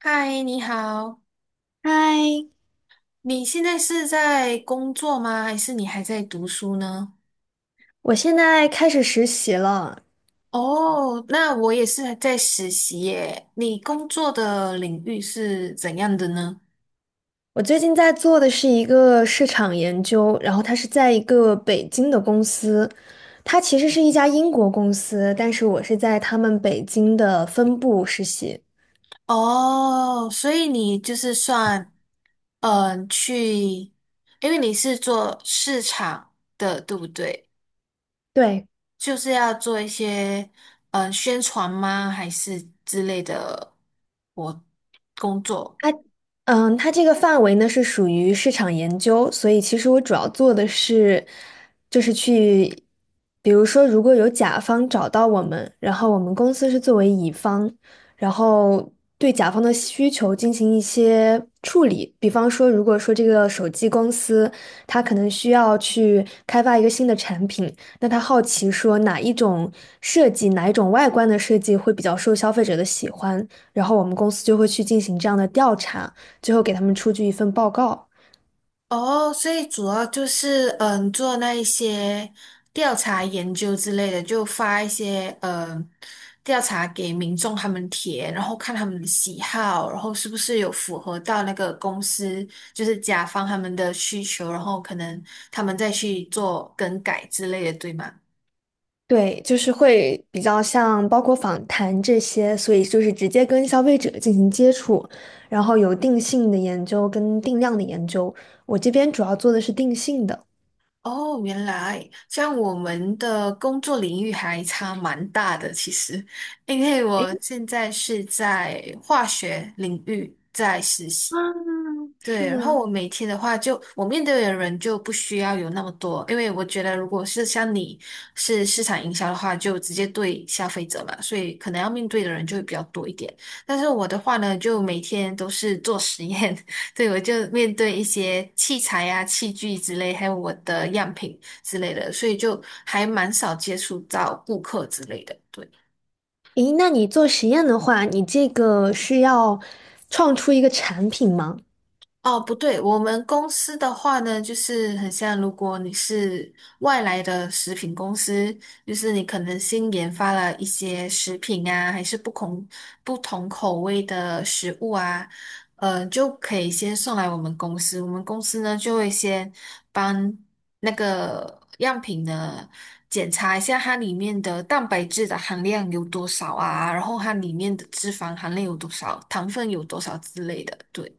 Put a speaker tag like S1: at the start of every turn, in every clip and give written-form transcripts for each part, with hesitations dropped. S1: 嗨，你好，
S2: 嗨，
S1: 你现在是在工作吗？还是你还在读书呢？
S2: 我现在开始实习了。
S1: 哦，那我也是在实习耶。你工作的领域是怎样的呢？
S2: 我最近在做的是一个市场研究，然后它是在一个北京的公司，它其实是一家英国公司，但是我是在他们北京的分部实习。
S1: 哦，所以你就是算，嗯，去，因为你是做市场的，对不对？
S2: 对，
S1: 就是要做一些，嗯，宣传吗？还是之类的，我工作。
S2: 它它这个范围呢是属于市场研究，所以其实我主要做的是，就是去，比如说如果有甲方找到我们，然后我们公司是作为乙方，然后对甲方的需求进行一些处理，比方说如果说这个手机公司它可能需要去开发一个新的产品，那他好奇说哪一种设计，哪一种外观的设计会比较受消费者的喜欢，然后我们公司就会去进行这样的调查。最后给他们出具一份报告。
S1: 哦，所以主要就是做那一些调查研究之类的，就发一些调查给民众他们填，然后看他们的喜好，然后是不是有符合到那个公司就是甲方他们的需求，然后可能他们再去做更改之类的，对吗？
S2: 对，就是会比较像包括访谈这些，所以就是直接跟消费者进行接触，然后有定性的研究跟定量的研究。我这边主要做的是定性的。
S1: 哦，原来像我们的工作领域还差蛮大的，其实。因为我
S2: 诶，
S1: 现在是在化学领域在实习。
S2: 是
S1: 对，然后
S2: 吗？
S1: 我每天的话就，我面对的人就不需要有那么多，因为我觉得如果是像你是市场营销的话，就直接对消费者嘛，所以可能要面对的人就会比较多一点。但是我的话呢，就每天都是做实验，对，我就面对一些器材啊、器具之类，还有我的样品之类的，所以就还蛮少接触到顾客之类的。对。
S2: 诶，那你做实验的话，你这个是要创出一个产品吗？
S1: 哦，不对，我们公司的话呢，就是很像，如果你是外来的食品公司，就是你可能新研发了一些食品啊，还是不同口味的食物啊，就可以先送来我们公司。我们公司呢，就会先帮那个样品呢检查一下它里面的蛋白质的含量有多少啊，然后它里面的脂肪含量有多少，糖分有多少之类的，对。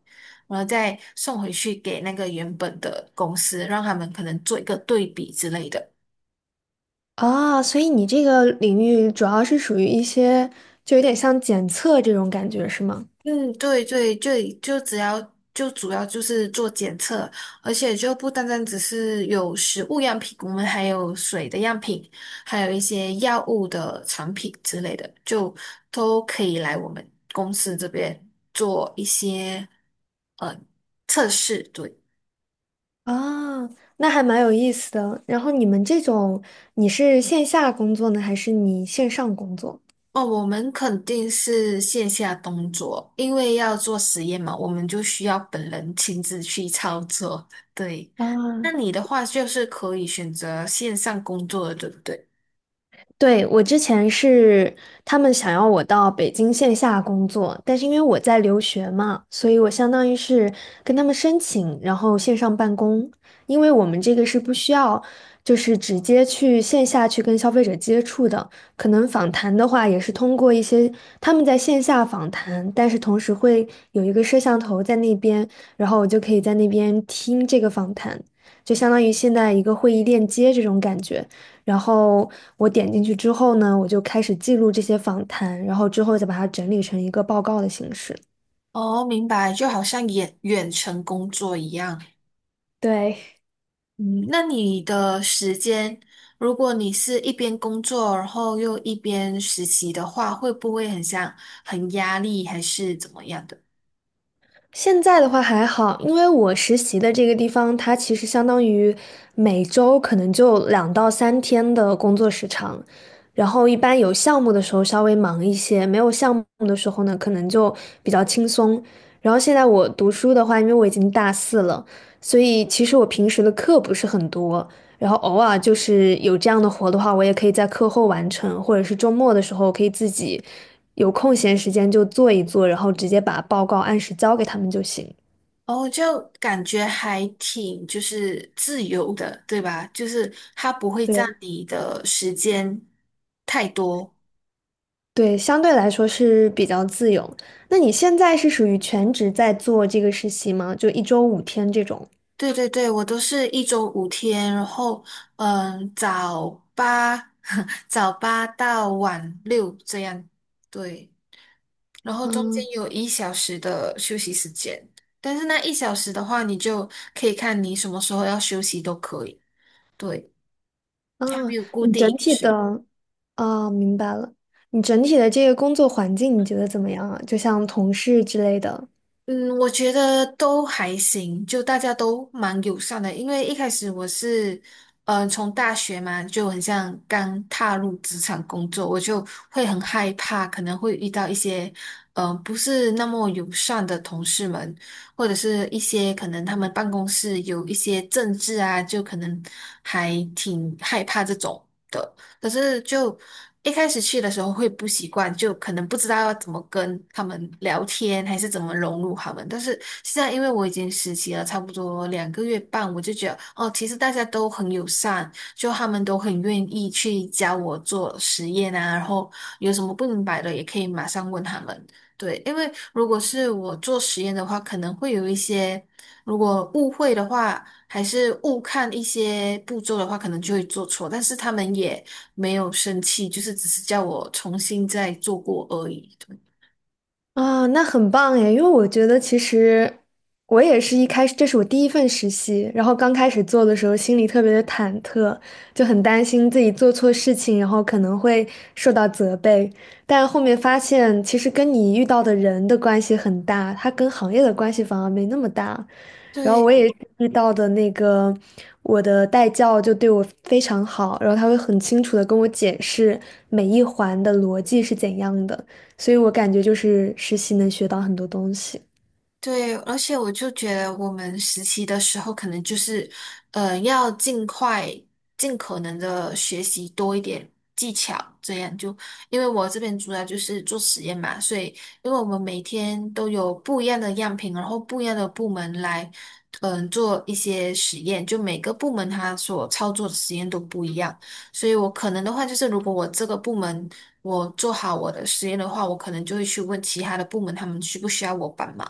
S1: 然后再送回去给那个原本的公司，让他们可能做一个对比之类的。
S2: 啊，所以你这个领域主要是属于一些，就有点像检测这种感觉，是吗？
S1: 嗯，对对对，就主要就是做检测，而且就不单单只是有食物样品，我们还有水的样品，还有一些药物的产品之类的，就都可以来我们公司这边做一些呃测试。对。
S2: 啊，那还蛮有意思的。然后你们这种，你是线下工作呢，还是你线上工作？
S1: 哦，我们肯定是线下工作，因为要做实验嘛，我们就需要本人亲自去操作。对，
S2: 啊，
S1: 那你的话就是可以选择线上工作的，对不对？
S2: 对，我之前是他们想要我到北京线下工作，但是因为我在留学嘛，所以我相当于是跟他们申请，然后线上办公。因为我们这个是不需要，就是直接去线下去跟消费者接触的，可能访谈的话也是通过一些他们在线下访谈，但是同时会有一个摄像头在那边，然后我就可以在那边听这个访谈，就相当于现在一个会议链接这种感觉。然后我点进去之后呢，我就开始记录这些访谈，然后之后再把它整理成一个报告的形式。
S1: 哦，明白，就好像远程工作一样。
S2: 对，
S1: 嗯，那你的时间，如果你是一边工作，然后又一边实习的话，会不会很像很压力，还是怎么样的？
S2: 现在的话还好，因为我实习的这个地方，它其实相当于每周可能就2到3天的工作时长，然后一般有项目的时候稍微忙一些，没有项目的时候呢，可能就比较轻松。然后现在我读书的话，因为我已经大四了，所以其实我平时的课不是很多，然后偶尔就是有这样的活的话，我也可以在课后完成，或者是周末的时候可以自己有空闲时间就做一做，然后直接把报告按时交给他们就行。
S1: 哦，就感觉还挺就是自由的，对吧？就是它不会占
S2: 对
S1: 你的时间太多。
S2: 对，相对来说是比较自由。那你现在是属于全职在做这个实习吗？就一周5天这种？
S1: 对对对，我都是一周五天，然后嗯，早八 早八到晚六这样，对，然后中间
S2: 嗯。
S1: 有一小时的休息时间，但是那一小时的话，你就可以看你什么时候要休息都可以，对，
S2: 啊，
S1: 它没有固
S2: 你
S1: 定
S2: 整
S1: 一个
S2: 体
S1: 时
S2: 的啊，明白了。你整体的这个工作环境你觉得怎么样啊？就像同事之类的。
S1: 嗯，我觉得都还行，就大家都蛮友善的。因为一开始我是，嗯、从大学嘛，就很像刚踏入职场工作，我就会很害怕，可能会遇到一些，嗯、不是那么友善的同事们，或者是一些可能他们办公室有一些政治啊，就可能还挺害怕这种的。可是一开始去的时候会不习惯，就可能不知道要怎么跟他们聊天，还是怎么融入他们。但是现在因为我已经实习了差不多两个月半，我就觉得哦，其实大家都很友善，就他们都很愿意去教我做实验啊，然后有什么不明白的也可以马上问他们。对，因为如果是我做实验的话，可能会有一些，如果误会的话，还是误看一些步骤的话，可能就会做错。但是他们也没有生气，就是只是叫我重新再做过而已。
S2: 啊，那很棒耶！因为我觉得其实我也是一开始，这是我第一份实习，然后刚开始做的时候心里特别的忐忑，就很担心自己做错事情，然后可能会受到责备。但后面发现，其实跟你遇到的人的关系很大，它跟行业的关系反而没那么大。然后
S1: 对，
S2: 我也遇到的那个我的代教就对我非常好，然后他会很清楚的跟我解释每一环的逻辑是怎样的。所以我感觉就是实习能学到很多东西。
S1: 对，而且我就觉得我们实习的时候，可能就是，呃，要尽快、尽可能的学习多一点技巧，这样就，因为我这边主要就是做实验嘛，所以因为我们每天都有不一样的样品，然后不一样的部门来，嗯、做一些实验，就每个部门它所操作的实验都不一样，所以我可能的话就是，如果我这个部门我做好我的实验的话，我可能就会去问其他的部门，他们需不需要我帮忙。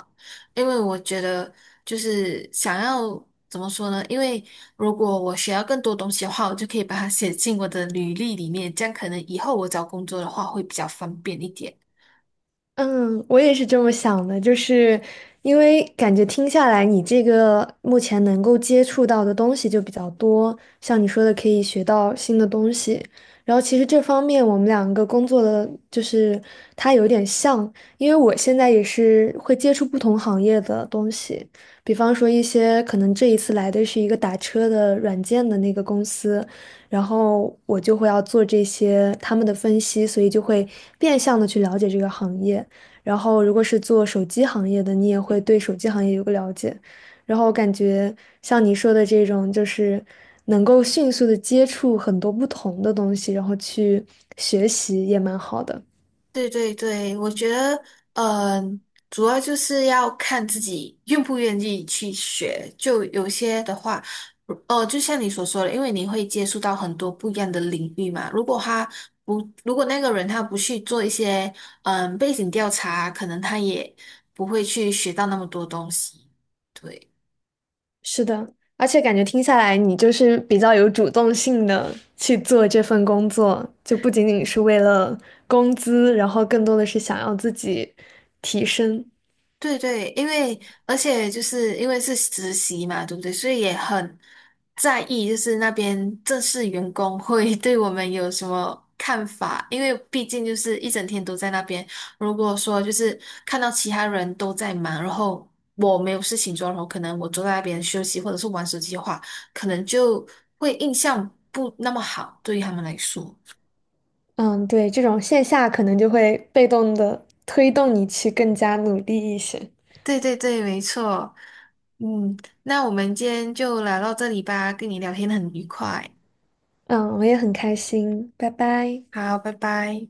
S1: 因为我觉得就是想要怎么说呢？因为如果我学到更多东西的话，我就可以把它写进我的履历里面，这样可能以后我找工作的话会比较方便一点。
S2: 嗯，我也是这么想的，就是因为感觉听下来，你这个目前能够接触到的东西就比较多，像你说的可以学到新的东西。然后其实这方面我们两个工作的就是它有点像，因为我现在也是会接触不同行业的东西，比方说一些可能这一次来的是一个打车的软件的那个公司，然后我就会要做这些他们的分析，所以就会变相的去了解这个行业。然后如果是做手机行业的，你也会对手机行业有个了解。然后我感觉像你说的这种，就是能够迅速的接触很多不同的东西，然后去学习也蛮好的。
S1: 对对对，我觉得，嗯、主要就是要看自己愿不愿意去学。就有些的话，哦，就像你所说的，因为你会接触到很多不一样的领域嘛。如果他不，如果那个人他不去做一些，嗯、背景调查，可能他也不会去学到那么多东西。对。
S2: 是的，而且感觉听下来，你就是比较有主动性的去做这份工作，就不仅仅是为了工资，然后更多的是想要自己提升。
S1: 对对，而且就是因为是实习嘛，对不对？所以也很在意，就是那边正式员工会 对我们有什么看法，因为毕竟就是一整天都在那边。如果说就是看到其他人都在忙，然后我没有事情做，然后可能我坐在那边休息或者是玩手机的话，可能就会印象不那么好，对于他们来说。
S2: 嗯，对，这种线下可能就会被动的推动你去更加努力一些。
S1: 对对对，没错。嗯，那我们今天就聊到这里吧，跟你聊天很愉快。
S2: 嗯，我也很开心，拜拜。
S1: 好，拜拜。